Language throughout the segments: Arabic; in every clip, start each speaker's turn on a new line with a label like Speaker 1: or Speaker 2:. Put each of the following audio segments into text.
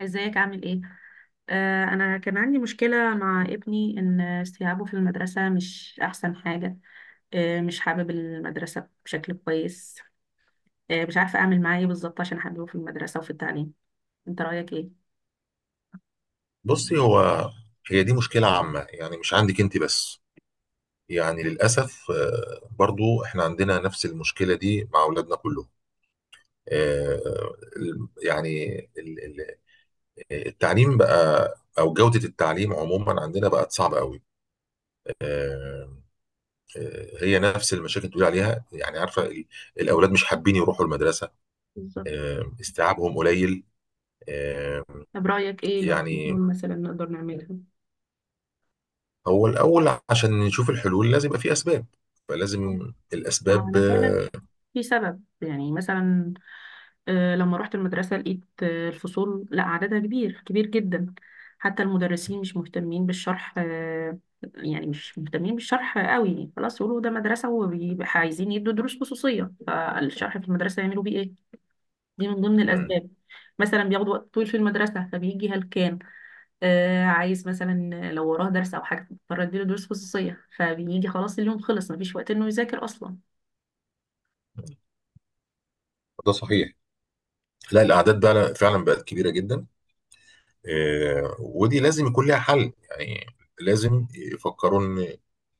Speaker 1: ازيك؟ عامل ايه؟ انا كان عندي مشكله مع ابني ان استيعابه في المدرسه مش احسن حاجه. مش حابب المدرسه بشكل كويس. مش عارفه اعمل معاه ايه بالظبط عشان احببه في المدرسه وفي التعليم. انت رايك ايه؟
Speaker 2: بصي، هي دي مشكلة عامة، يعني مش عندك انت بس. يعني للأسف، برضو احنا عندنا نفس المشكلة دي مع أولادنا كلهم. آه، ال- يعني ال- ال- التعليم بقى، أو جودة التعليم عموما عندنا بقت صعبة قوي. آه، هي نفس المشاكل اللي بتقول عليها، يعني عارفة الأولاد مش حابين يروحوا المدرسة.
Speaker 1: بالظبط.
Speaker 2: استيعابهم قليل. آه،
Speaker 1: طب رايك ايه لو في
Speaker 2: يعني
Speaker 1: حلول مثلا نقدر نعملها؟
Speaker 2: هو الأول عشان نشوف الحلول لازم يبقى في أسباب، فلازم
Speaker 1: اه
Speaker 2: الأسباب.
Speaker 1: انا فعلا في سبب يعني مثلا، لما رحت المدرسة لقيت، الفصول لا عددها كبير، كبير جدا. حتى المدرسين مش مهتمين بالشرح، يعني مش مهتمين بالشرح قوي. خلاص يقولوا ده مدرسة وبيبقى عايزين يدوا دروس خصوصية، فالشرح في المدرسة يعملوا بيه ايه؟ دي من ضمن
Speaker 2: مم.
Speaker 1: الأسباب. مثلا بياخد وقت طويل في المدرسة فبيجي هلكان. عايز مثلا، لو وراه درس أو حاجة فبضطر أديله دروس خصوصية، فبيجي خلاص، اليوم خلص، مفيش وقت إنه يذاكر أصلا.
Speaker 2: ده صحيح. لا، الاعداد بقى فعلا بقت كبيره جدا. ودي لازم يكون لها حل، يعني لازم يفكروا ان،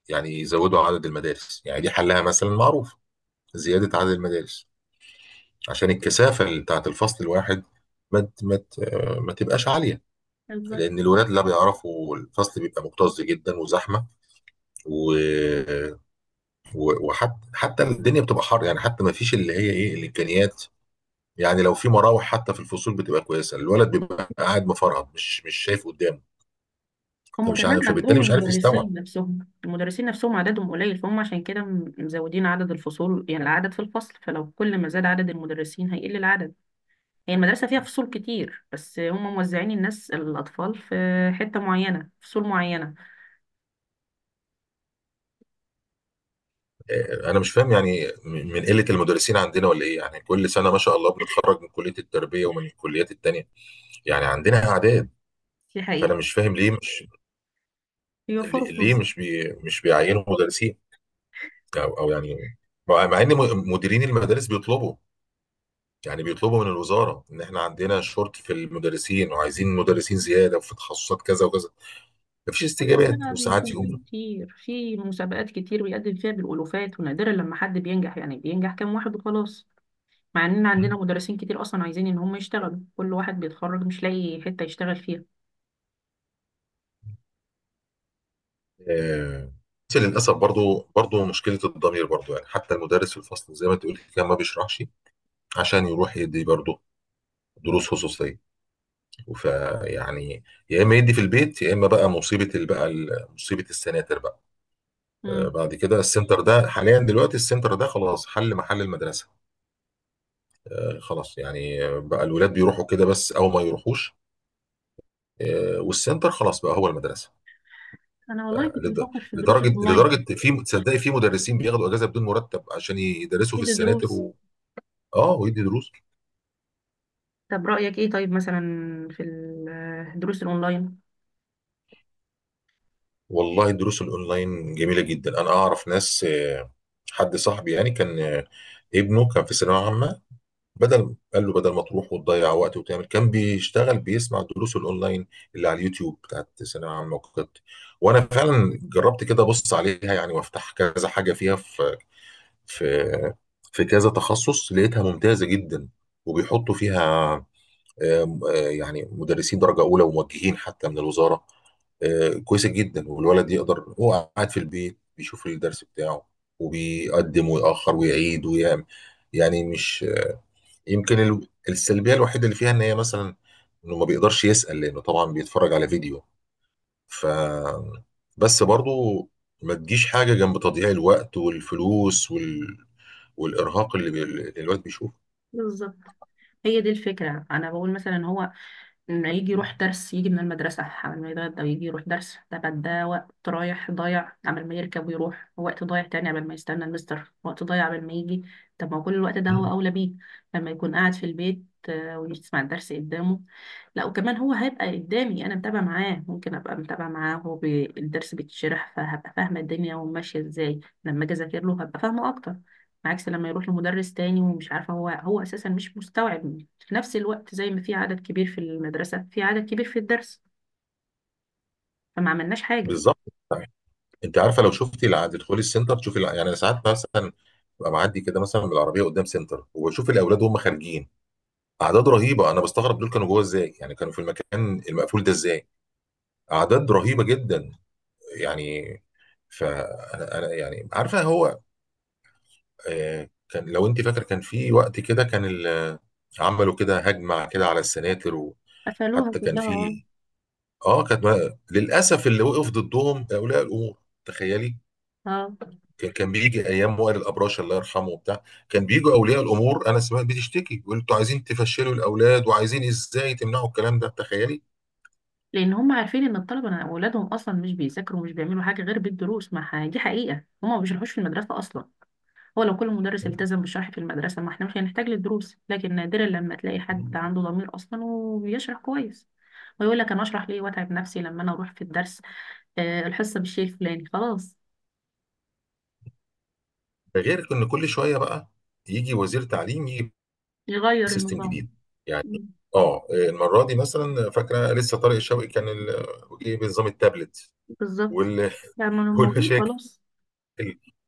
Speaker 2: يعني يزودوا عدد المدارس. يعني دي حلها مثلا معروف: زياده عدد المدارس، عشان الكثافه اللي بتاعت الفصل الواحد ما ت- ما ت- آه، ما تبقاش عاليه، لان الولاد لا بيعرفوا، الفصل بيبقى مكتظ جدا وزحمه، و... وحتى الدنيا بتبقى حر. يعني حتى ما فيش اللي هي ايه، الامكانيات، يعني لو في مراوح حتى في الفصول بتبقى كويسه، الولد بيبقى قاعد مفرهد، مش شايف قدامه،
Speaker 1: هم
Speaker 2: فمش
Speaker 1: كمان
Speaker 2: عارف، فبالتالي
Speaker 1: عندهم
Speaker 2: مش عارف يستوعب.
Speaker 1: المدرسين نفسهم. المدرسين نفسهم عددهم قليل، فهم عشان كده مزودين عدد الفصول، يعني العدد في الفصل، فلو كل ما زاد عدد المدرسين هيقل العدد. هي المدرسة فيها فصول كتير، بس هم موزعين الناس، الأطفال في حتة معينة، فصول معينة.
Speaker 2: انا مش فاهم، يعني من قله المدرسين عندنا ولا ايه؟ يعني كل سنه، ما شاء الله، بنتخرج من كليه التربيه ومن الكليات التانيه، يعني عندنا اعداد.
Speaker 1: دي
Speaker 2: فانا
Speaker 1: حقيقة.
Speaker 2: مش فاهم ليه مش،
Speaker 1: بيوفروا
Speaker 2: ليه
Speaker 1: فلوس.
Speaker 2: مش بيعينوا مدرسين، او او يعني، مع ان مديرين المدارس بيطلبوا، يعني بيطلبوا من الوزاره ان احنا عندنا شورت في المدرسين وعايزين مدرسين زياده وفي تخصصات كذا وكذا، مفيش
Speaker 1: كل
Speaker 2: استجابات.
Speaker 1: سنة
Speaker 2: وساعات
Speaker 1: بيكون في
Speaker 2: يقوم،
Speaker 1: كتير، في مسابقات كتير بيقدم فيها بالألوفات، ونادرا لما حد بينجح، يعني بينجح كام واحد وخلاص. مع إن عندنا مدرسين كتير أصلا عايزين إن هم يشتغلوا، كل واحد بيتخرج مش لاقي حتة يشتغل فيها.
Speaker 2: آه، بس للاسف، برضو مشكله الضمير، برضو يعني حتى المدرس في الفصل زي ما تقول كده ما بيشرحش عشان يروح يدي برضو دروس خصوصيه. فيعني يا اما يدي في البيت، يا اما بقى مصيبه مصيبه السناتر بقى.
Speaker 1: مم.
Speaker 2: بعد كده السنتر ده حاليا، دلوقتي السنتر ده خلاص حل محل المدرسه. خلاص يعني، بقى الولاد بيروحوا كده بس او ما يروحوش. والسنتر خلاص بقى هو المدرسه.
Speaker 1: انا والله كنت
Speaker 2: لد-
Speaker 1: بفكر في الدروس
Speaker 2: لدرجه
Speaker 1: الاونلاين.
Speaker 2: لدرجه في، تصدقي، في مدرسين بياخدوا اجازه بدون مرتب عشان يدرسوا
Speaker 1: ايه
Speaker 2: في
Speaker 1: ده،
Speaker 2: السناتر
Speaker 1: دروس؟
Speaker 2: اه، ويدي دروس.
Speaker 1: طب رأيك ايه طيب مثلا في الدروس الاونلاين؟
Speaker 2: والله الدروس الاونلاين جميله جدا. انا اعرف ناس، حد صاحبي يعني، كان ابنه كان في ثانويه عامه، قال له بدل ما تروح وتضيع وقت وتعمل، كان بيشتغل بيسمع الدروس الاونلاين اللي على اليوتيوب بتاعت ثانويه عامه وكده. وانا فعلا جربت كده، ابص عليها يعني، وافتح كذا حاجه فيها، في في في كذا تخصص، لقيتها ممتازة جدا. وبيحطوا فيها يعني مدرسين درجة أولى وموجهين حتى من الوزارة. كويسة جدا، والولد يقدر هو قاعد في البيت بيشوف الدرس بتاعه، وبيقدم ويأخر ويعيد ويعمل. يعني مش، يمكن السلبية الوحيدة اللي فيها إن هي مثلا إنه ما بيقدرش يسأل، لأنه طبعا بيتفرج على فيديو. ف بس برضو، ما تجيش حاجة جنب تضييع الوقت والفلوس والإرهاق اللي الوقت بيشوفه.
Speaker 1: بالظبط، هي دي الفكرة. انا بقول مثلا هو إنه يجي يروح درس، يجي من المدرسة قبل ما يتغدى ويجي يروح درس، طب ده وقت رايح ضايع قبل ما يركب ويروح، وقت ضايع تاني قبل ما يستنى المستر، وقت ضايع قبل ما يجي. طب ما هو كل الوقت ده هو
Speaker 2: مم.
Speaker 1: أولى بيه لما يكون قاعد في البيت، ويسمع الدرس قدامه. لا، وكمان هو هيبقى قدامي أنا متابعة معاه، ممكن أبقى متابعة معاه هو الدرس بيتشرح، فهبقى فاهمة الدنيا وماشية إزاي. لما أجي أذاكر له هبقى فاهمة أكتر، عكس لما يروح لمدرس تاني ومش عارفة هو أساسا مش مستوعب. في نفس الوقت زي ما في عدد كبير في المدرسة، في عدد كبير في الدرس، فما عملناش حاجة.
Speaker 2: بالظبط. انت عارفة، لو شفتي تدخلي السنتر تشوفي يعني ساعات مثلا ببقى معدي كده مثلا بالعربية قدام سنتر، وبشوف الأولاد وهم خارجين، أعداد رهيبة. أنا بستغرب دول كانوا جوه إزاي؟ يعني كانوا في المكان المقفول ده إزاي؟ أعداد رهيبة جدا، يعني. فأنا يعني عارفة، هو كان، لو انت فاكر، كان في وقت كده كان عملوا كده هجمة كده على السناتر.
Speaker 1: قفلوها
Speaker 2: وحتى كان
Speaker 1: كلها، اه.
Speaker 2: في، اه، كانت للاسف اللي وقف ضدهم اولياء الامور، تخيلي.
Speaker 1: اه،
Speaker 2: كان بيجي ايام وائل الابراش، الله يرحمه، وبتاع، كان بيجوا اولياء الامور، انا سمعت بتشتكي، بيقول انتوا عايزين تفشلوا الاولاد، وعايزين ازاي تمنعوا الكلام ده، تخيلي.
Speaker 1: لأن هم عارفين إن الطلبة أولادهم أصلا مش بيذاكروا ومش بيعملوا حاجة غير بالدروس. ما ح- دي حقيقة، هم ما بيشرحوش في المدرسة أصلا. هو لو كل مدرس التزم بالشرح في المدرسة ما احنا مش هنحتاج للدروس، لكن نادرا لما تلاقي حد عنده ضمير أصلا وبيشرح كويس. ويقول لك أنا أشرح ليه وأتعب نفسي، لما أنا أروح في الدرس، الحصة بالشيء الفلاني خلاص.
Speaker 2: ده غير ان كل شويه بقى يجي وزير تعليم،
Speaker 1: يغير
Speaker 2: سيستم
Speaker 1: النظام.
Speaker 2: جديد، يعني.
Speaker 1: مم.
Speaker 2: اه، المره دي مثلا، فاكره لسه طارق الشوقي كان جه بنظام التابلت
Speaker 1: بالظبط.
Speaker 2: وال-
Speaker 1: يعني موجود
Speaker 2: والمشاكل.
Speaker 1: خلاص.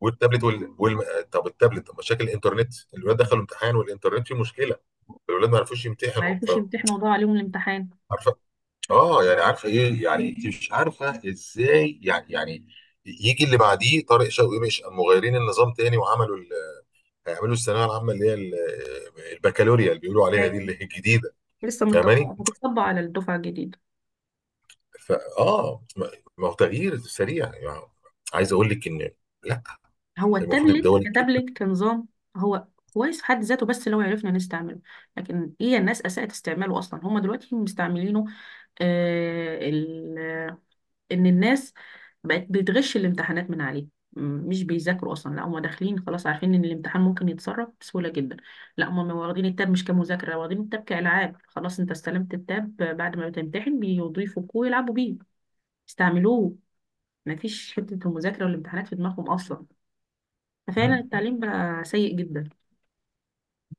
Speaker 2: والتابلت طب التابلت، طب مشاكل الانترنت، الولاد دخلوا امتحان والانترنت فيه مشكله، الولاد ما عرفوش
Speaker 1: ما
Speaker 2: يمتحنوا،
Speaker 1: عرفوش يمتحنوا وضاع عليهم الامتحان.
Speaker 2: عارفه، اه، يعني عارفه ايه، يعني انت مش عارفه ازاي، يعني يجي اللي بعديه طارق شوقي، مش مغيرين النظام تاني وعملوا هيعملوا الثانويه العامه اللي هي البكالوريا اللي بيقولوا عليها دي،
Speaker 1: ايوه،
Speaker 2: اللي هي الجديده،
Speaker 1: لسه متطبقة،
Speaker 2: فاهماني؟
Speaker 1: هتطبق على الدفعة الجديدة.
Speaker 2: فا اه ما ما هو تغيير سريع يعني. عايز اقول لك ان، لا،
Speaker 1: هو
Speaker 2: المفروض
Speaker 1: التابلت
Speaker 2: الدول الكبيره.
Speaker 1: كتابلت كنظام، هو كويس في حد ذاته بس لو عرفنا نستعمله، لكن هي الناس أساءت استعماله أصلا. هما دلوقتي مستعملينه، آه إن الناس بقت بتغش الامتحانات من عليه. مش بيذاكروا أصلا، لا هما داخلين خلاص عارفين إن الامتحان ممكن يتسرب بسهولة جدا. لا هما واخدين التاب مش كمذاكرة، واخدين التاب كألعاب. خلاص أنت استلمت التاب، بعد ما بتمتحن بيضيفوا ويلعبوا بيه. استعملوه، مفيش حتة المذاكرة والامتحانات في دماغهم أصلا. ففعلا
Speaker 2: مم.
Speaker 1: التعليم بقى سيء جدا.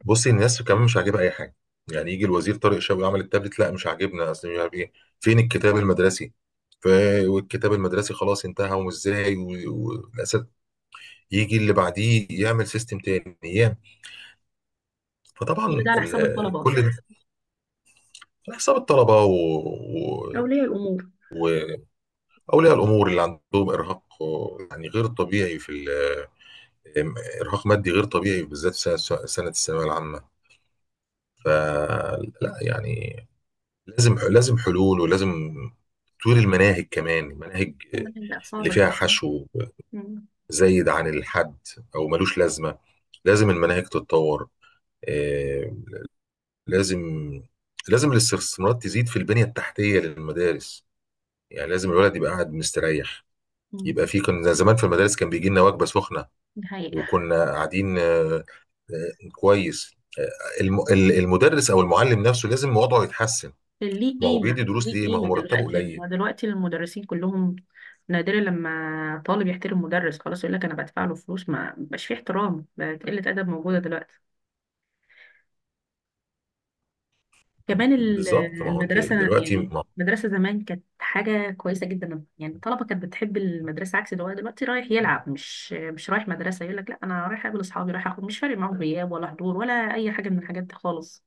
Speaker 2: بصي، الناس كمان مش عاجبها اي حاجه. يعني يجي الوزير طارق شوقي عمل التابلت، لا مش عاجبنا، اصل مش عارف ايه، فين الكتاب المدرسي؟ ف... والكتاب المدرسي خلاص انتهى، وازاي، والاسد، يجي اللي بعديه يعمل سيستم تاني،
Speaker 1: كل
Speaker 2: فطبعا
Speaker 1: ده على حساب الطلبة
Speaker 2: كل
Speaker 1: أصلا،
Speaker 2: ده على حساب الطلبه و...
Speaker 1: أولياء الأمور.
Speaker 2: اولياء الامور، اللي عندهم ارهاق يعني غير طبيعي، في ارهاق مادي غير طبيعي، بالذات في سنة الثانويه العامه. فلا يعني، لازم حلول، ولازم تطوير المناهج، كمان المناهج
Speaker 1: كل حاجة بقت
Speaker 2: اللي
Speaker 1: صعبة
Speaker 2: فيها
Speaker 1: جدا.
Speaker 2: حشو
Speaker 1: مم.
Speaker 2: زايد عن الحد او ملوش لازمه، لازم المناهج تتطور. آه، لازم، لازم الاستثمارات تزيد في البنيه التحتيه للمدارس. يعني لازم الولد يبقى قاعد مستريح،
Speaker 1: مم.
Speaker 2: يبقى في. كان زمان في المدارس كان بيجي لنا وجبه سخنه،
Speaker 1: دي حقيقة.
Speaker 2: وكنا قاعدين، كويس. المدرس او المعلم نفسه لازم وضعه يتحسن.
Speaker 1: ليه
Speaker 2: ما هو بيدي
Speaker 1: قيمة؟
Speaker 2: دروس
Speaker 1: ليه
Speaker 2: ليه؟ ما هو
Speaker 1: قيمة
Speaker 2: مرتبه
Speaker 1: دلوقتي؟ يعني
Speaker 2: قليل.
Speaker 1: هو دلوقتي المدرسين كلهم، نادرا لما طالب يحترم مدرس. خلاص يقول لك أنا بدفع له فلوس، ما بقاش فيه احترام، بقت قلة أدب موجودة دلوقتي. كمان
Speaker 2: بالظبط، ما هو انت
Speaker 1: المدرسة
Speaker 2: دلوقتي،
Speaker 1: يعني،
Speaker 2: ما،
Speaker 1: المدرسة زمان كانت حاجة كويسة جدا، يعني الطلبة كانت بتحب المدرسة عكس دلوقتي. دلوقتي رايح يلعب، مش رايح مدرسة، يقول لك لا أنا رايح أقابل أصحابي، رايح أخد، مش فارق معاهم غياب ولا حضور ولا أي حاجة من الحاجات دي خالص.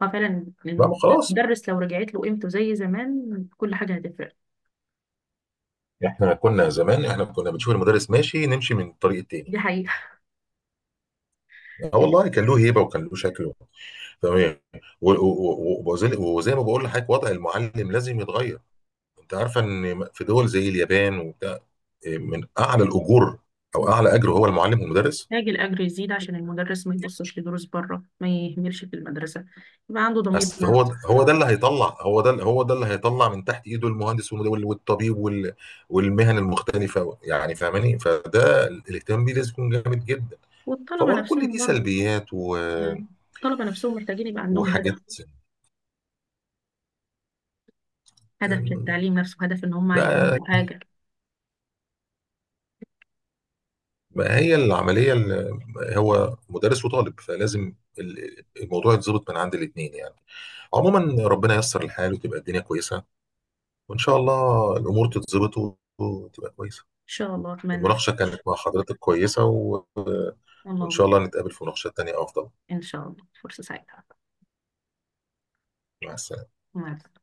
Speaker 1: ففعلا
Speaker 2: لا، ما خلاص،
Speaker 1: المدرس لو رجعت له قيمته زي زمان كل حاجة هتفرق.
Speaker 2: احنا كنا زمان، احنا كنا بنشوف المدرس ماشي نمشي من الطريق
Speaker 1: دي
Speaker 2: التاني.
Speaker 1: حقيقة.
Speaker 2: اه والله، كان له هيبه وكان له شكل. تمام. و- و- وزي ما بقول لحضرتك، وضع المعلم لازم يتغير. انت عارفه ان في دول زي اليابان وبتاع، إيه، من اعلى الاجور، او اعلى اجر، هو المعلم والمدرس.
Speaker 1: محتاج الأجر يزيد عشان المدرس ما يبصش لدروس بره، ما يهملش في المدرسة، يبقى عنده ضمير
Speaker 2: أصل
Speaker 1: بمعنى
Speaker 2: هو
Speaker 1: صح.
Speaker 2: هو ده اللي هيطلع، هو ده اللي هيطلع من تحت ايده المهندس والطبيب والمهن المختلفه، يعني فاهماني؟ فده الاهتمام بيه لازم يكون جامد جدا.
Speaker 1: والطلبة
Speaker 2: فبرضه كل
Speaker 1: نفسهم
Speaker 2: دي
Speaker 1: برضه
Speaker 2: سلبيات
Speaker 1: يعني، الطلبة نفسهم محتاجين يبقى عندهم هدف،
Speaker 2: وحاجات.
Speaker 1: هدف
Speaker 2: أم،
Speaker 1: للتعليم نفسه، هدف ان هم عايزين
Speaker 2: بقى
Speaker 1: يبقوا حاجة. ان
Speaker 2: بقى هي العمليه، اللي هو مدرس وطالب، فلازم الموضوع يتظبط من عند الاثنين، يعني. عموما، ربنا ييسر الحال، وتبقى الدنيا كويسه، وان شاء الله الامور تتظبط وتبقى كويسه.
Speaker 1: شاء الله، اتمنى.
Speaker 2: المناقشة كانت مع حضرتك كويسة، وإن
Speaker 1: الله
Speaker 2: شاء الله
Speaker 1: يعين.
Speaker 2: نتقابل في مناقشات تانية أفضل.
Speaker 1: ان شاء الله، فرصة سعيدة.
Speaker 2: مع السلامة.
Speaker 1: مع السلامة.